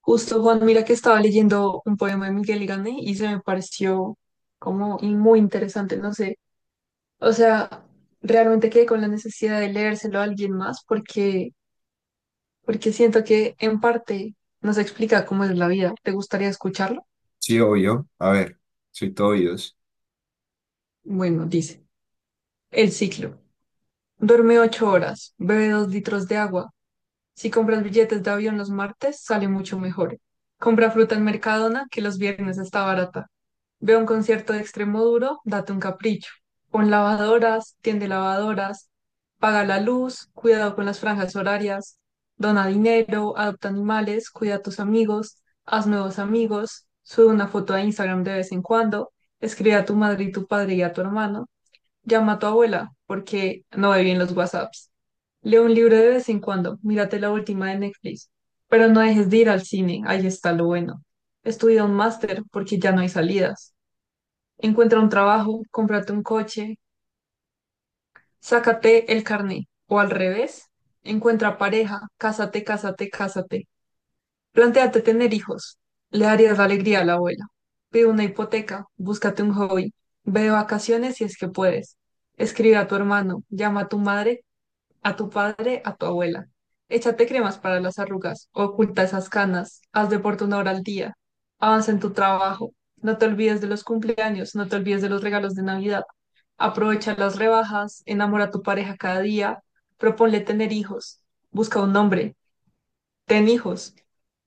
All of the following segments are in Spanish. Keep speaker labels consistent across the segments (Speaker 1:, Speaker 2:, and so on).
Speaker 1: Justo, Juan, mira que estaba leyendo un poema de Miguel Grande y se me pareció como y muy interesante, no sé. O sea, realmente quedé con la necesidad de leérselo a alguien más porque siento que en parte nos explica cómo es la vida. ¿Te gustaría escucharlo?
Speaker 2: Sí, obvio. A ver, soy todo oídos.
Speaker 1: Bueno, dice, el ciclo. Duerme 8 horas, bebe 2 litros de agua. Si compras billetes de avión los martes, sale mucho mejor. Compra fruta en Mercadona, que los viernes está barata. Ve a un concierto de Extremoduro, date un capricho. Pon lavadoras, tiende lavadoras, paga la luz, cuidado con las franjas horarias, dona dinero, adopta animales, cuida a tus amigos, haz nuevos amigos, sube una foto a Instagram de vez en cuando, escribe a tu madre y tu padre y a tu hermano, llama a tu abuela porque no ve bien los WhatsApps. Lee un libro de vez en cuando, mírate la última de Netflix, pero no dejes de ir al cine, ahí está lo bueno. Estudia un máster porque ya no hay salidas. Encuentra un trabajo, cómprate un coche, sácate el carné. O al revés, encuentra pareja, cásate, cásate, cásate. Plantéate tener hijos. Le darías la alegría a la abuela. Pide una hipoteca, búscate un hobby. Ve de vacaciones si es que puedes. Escribe a tu hermano, llama a tu madre a tu padre, a tu abuela. Échate cremas para las arrugas, oculta esas canas, haz deporte una hora al día, avanza en tu trabajo, no te olvides de los cumpleaños, no te olvides de los regalos de Navidad. Aprovecha las rebajas, enamora a tu pareja cada día, proponle tener hijos, busca un nombre, ten hijos,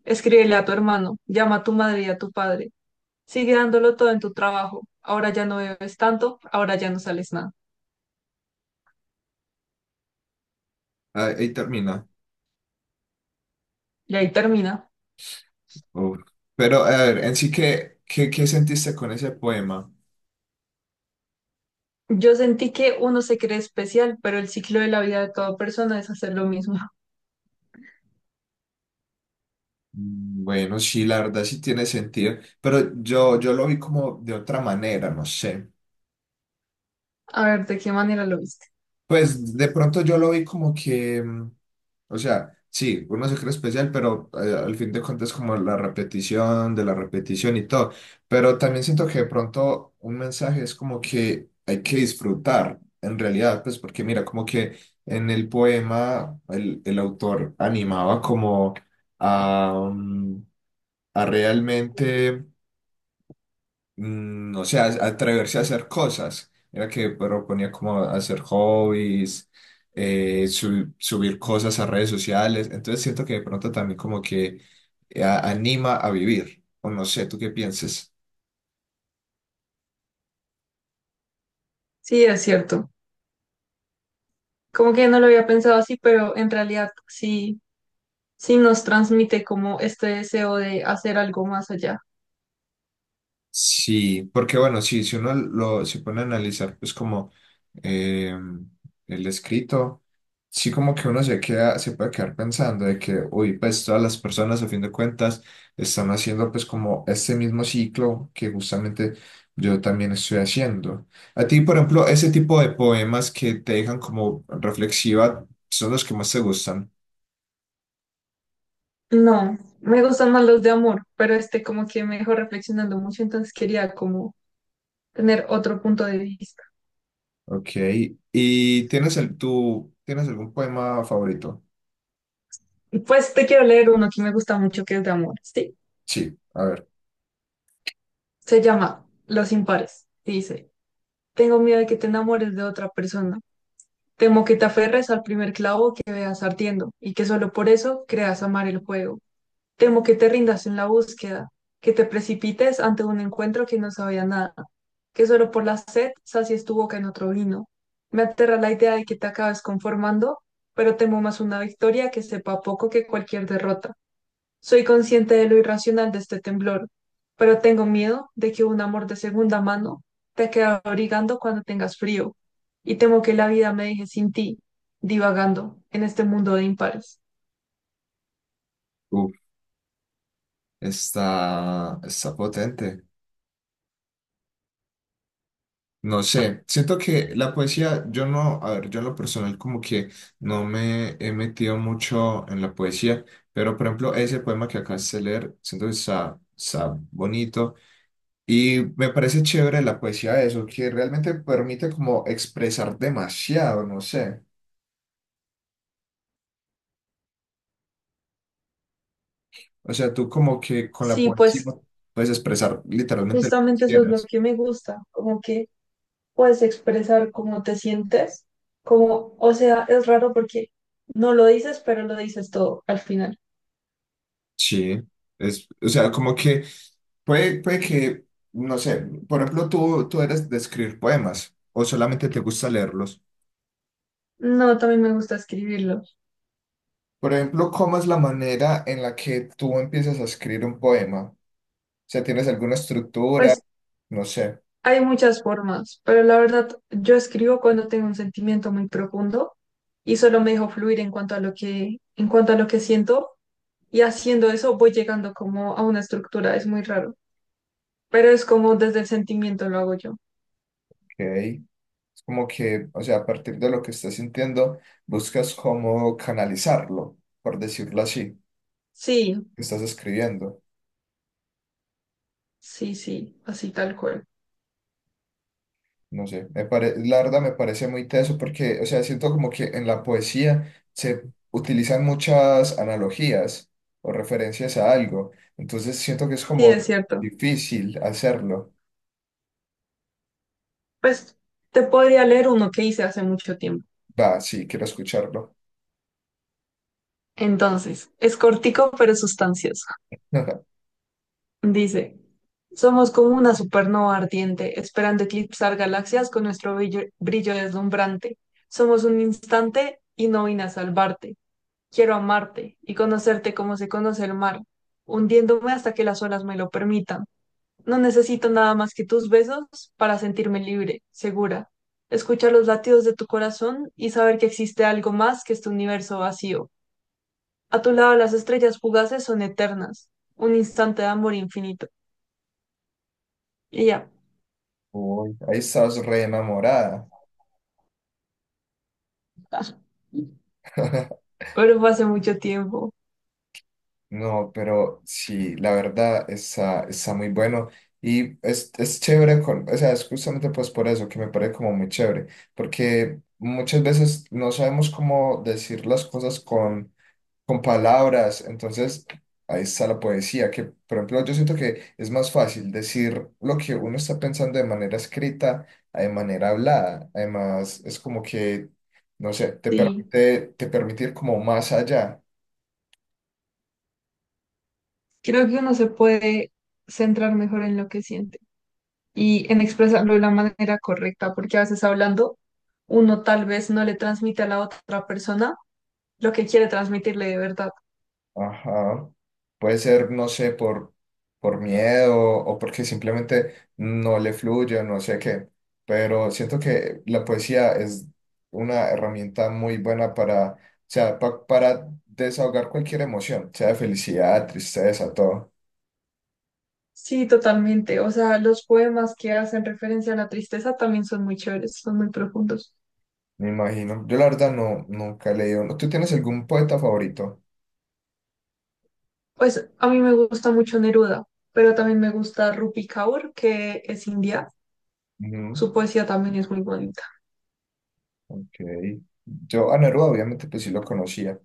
Speaker 1: escríbele a tu hermano, llama a tu madre y a tu padre, sigue dándolo todo en tu trabajo, ahora ya no bebes tanto, ahora ya no sales nada.
Speaker 2: Ah, ahí termina.
Speaker 1: Y ahí termina.
Speaker 2: Uf. Pero, a ver, en sí, ¿qué sentiste con ese poema?
Speaker 1: Yo sentí que uno se cree especial, pero el ciclo de la vida de toda persona es hacer lo mismo.
Speaker 2: Mm, bueno, sí, la verdad sí tiene sentido, pero yo lo vi como de otra manera, no sé.
Speaker 1: A ver, ¿de qué manera lo viste?
Speaker 2: Pues de pronto yo lo vi como que, o sea, sí, uno se cree especial, pero al fin de cuentas como la repetición de la repetición y todo. Pero también siento que de pronto un mensaje es como que hay que disfrutar, en realidad, pues porque mira, como que en el poema el autor animaba como a, a realmente no sé, atreverse a hacer cosas. Era que proponía como hacer hobbies, subir cosas a redes sociales. Entonces siento que de pronto también como que anima a vivir. O no sé, ¿tú qué piensas?
Speaker 1: Sí, es cierto. Como que no lo había pensado así, pero en realidad sí, sí nos transmite como este deseo de hacer algo más allá.
Speaker 2: Sí, porque bueno, sí, si uno lo se pone a analizar, pues como eh, el escrito, sí como que uno se queda, se puede quedar pensando de que, uy, pues todas las personas a fin de cuentas están haciendo pues como este mismo ciclo que justamente yo también estoy haciendo. A ti, por ejemplo, ese tipo de poemas que te dejan como reflexiva son los que más te gustan.
Speaker 1: No, me gustan más los de amor, pero este como que me dejó reflexionando mucho, entonces quería como tener otro punto de vista.
Speaker 2: Ok, ¿y tienes tú, tienes algún poema favorito?
Speaker 1: Y pues te quiero leer uno que me gusta mucho, que es de amor, ¿sí?
Speaker 2: Sí, a ver.
Speaker 1: Se llama Los impares, y dice, tengo miedo de que te enamores de otra persona. Temo que te aferres al primer clavo que veas ardiendo y que solo por eso creas amar el juego. Temo que te rindas en la búsqueda, que te precipites ante un encuentro que no sabía nada, que solo por la sed sacies tu boca en otro vino. Me aterra la idea de que te acabes conformando, pero temo más una victoria que sepa poco que cualquier derrota. Soy consciente de lo irracional de este temblor, pero tengo miedo de que un amor de segunda mano te quede abrigando cuando tengas frío, y temo que la vida me deje sin ti, divagando en este mundo de impares.
Speaker 2: Está, está potente. No sé, siento que la poesía, yo no, a ver, yo en lo personal como que no me he metido mucho en la poesía, pero por ejemplo ese poema que acabas de leer, siento que está, está bonito y me parece chévere la poesía de eso, que realmente permite como expresar demasiado, no sé. O sea, tú como que con la
Speaker 1: Sí,
Speaker 2: poesía
Speaker 1: pues
Speaker 2: puedes expresar literalmente lo que
Speaker 1: justamente eso es lo
Speaker 2: quieras.
Speaker 1: que me gusta, como que puedes expresar cómo te sientes, como, o sea, es raro porque no lo dices, pero lo dices todo al final.
Speaker 2: Sí, es, o sea, como que puede que, no sé, por ejemplo, tú eres de escribir poemas o solamente te gusta leerlos.
Speaker 1: No, también me gusta escribirlo.
Speaker 2: Por ejemplo, ¿cómo es la manera en la que tú empiezas a escribir un poema? O sea, ¿tienes alguna estructura?
Speaker 1: Pues
Speaker 2: No sé,
Speaker 1: hay muchas formas, pero la verdad, yo escribo cuando tengo un sentimiento muy profundo y solo me dejo fluir en cuanto a lo que siento y haciendo eso voy llegando como a una estructura, es muy raro, pero es como desde el sentimiento lo hago yo.
Speaker 2: ok. Es como que, o sea, a partir de lo que estás sintiendo, buscas cómo canalizarlo, por decirlo así,
Speaker 1: Sí,
Speaker 2: que estás escribiendo.
Speaker 1: sí, sí, así tal cual.
Speaker 2: No sé, la verdad me parece muy teso porque, o sea, siento como que en la poesía se utilizan muchas analogías o referencias a algo, entonces siento que es
Speaker 1: Sí,
Speaker 2: como
Speaker 1: es cierto.
Speaker 2: difícil hacerlo.
Speaker 1: Pues te podría leer uno que hice hace mucho tiempo.
Speaker 2: Va, sí, quiero escucharlo.
Speaker 1: Entonces, es cortico pero sustancioso. Dice, somos como una supernova ardiente, esperando eclipsar galaxias con nuestro brillo, brillo deslumbrante. Somos un instante y no vine a salvarte. Quiero amarte y conocerte como se conoce el mar, hundiéndome hasta que las olas me lo permitan. No necesito nada más que tus besos para sentirme libre, segura. Escuchar los latidos de tu corazón y saber que existe algo más que este universo vacío. A tu lado las estrellas fugaces son eternas, un instante de amor infinito. Y ya.
Speaker 2: Uy, ahí estás re enamorada.
Speaker 1: Pero fue hace mucho tiempo.
Speaker 2: No, pero sí, la verdad está, está muy bueno y es chévere, con, o sea, es justamente pues por eso que me parece como muy chévere, porque muchas veces no sabemos cómo decir las cosas con palabras, entonces ahí está la poesía, que por ejemplo yo siento que es más fácil decir lo que uno está pensando de manera escrita a de manera hablada, además es como que, no sé,
Speaker 1: Sí,
Speaker 2: te permite ir como más allá.
Speaker 1: creo que uno se puede centrar mejor en lo que siente y en expresarlo de la manera correcta, porque a veces hablando uno tal vez no le transmite a la otra persona lo que quiere transmitirle de verdad.
Speaker 2: Ajá. Puede ser, no sé, por miedo o porque simplemente no le fluye, no sé qué. Pero siento que la poesía es una herramienta muy buena para, o sea, para desahogar cualquier emoción, sea de felicidad, tristeza, todo.
Speaker 1: Sí, totalmente. O sea, los poemas que hacen referencia a la tristeza también son muy chéveres, son muy profundos.
Speaker 2: Me imagino. Yo la verdad no, nunca he leído. ¿Tú tienes algún poeta favorito?
Speaker 1: Pues a mí me gusta mucho Neruda, pero también me gusta Rupi Kaur, que es india.
Speaker 2: Ujú,
Speaker 1: Su poesía también es muy bonita.
Speaker 2: ok. Yo a Neruda obviamente pues sí lo conocía,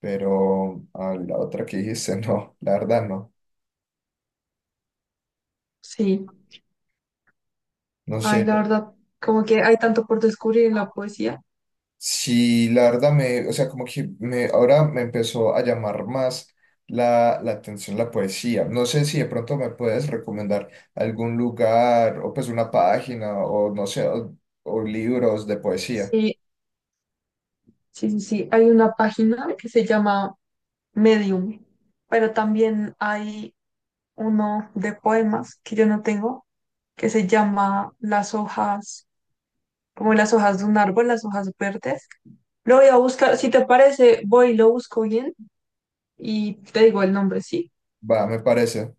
Speaker 2: pero a la otra que dijiste, no, la verdad no.
Speaker 1: Sí.
Speaker 2: No
Speaker 1: Ay,
Speaker 2: sé.
Speaker 1: la verdad, como que hay tanto por descubrir en la poesía.
Speaker 2: Sí, la verdad me, o sea, como que me, ahora me empezó a llamar más la atención la poesía. No sé si de pronto me puedes recomendar algún lugar o pues una página o no sé, o libros de poesía.
Speaker 1: Sí, sí, sí, sí. Hay una página que se llama Medium, pero también hay uno de poemas que yo no tengo, que se llama Las hojas, como las hojas de un árbol, las hojas verdes. Lo voy a buscar, si te parece, voy y lo busco bien y te digo el nombre, ¿sí?
Speaker 2: Va, me parece.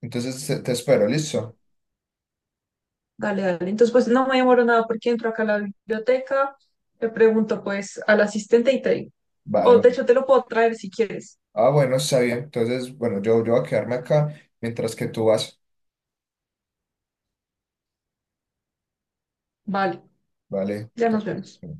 Speaker 2: Entonces te espero, ¿listo?
Speaker 1: Dale, dale. Entonces, pues no me demoro nada porque entro acá a la biblioteca, le pregunto pues al asistente y te digo.
Speaker 2: Va, de
Speaker 1: O de
Speaker 2: una.
Speaker 1: hecho te lo puedo traer si quieres.
Speaker 2: Ah, bueno, está bien. Entonces, bueno, yo voy a quedarme acá mientras que tú vas.
Speaker 1: Vale,
Speaker 2: Vale.
Speaker 1: ya nos vemos.
Speaker 2: Entonces,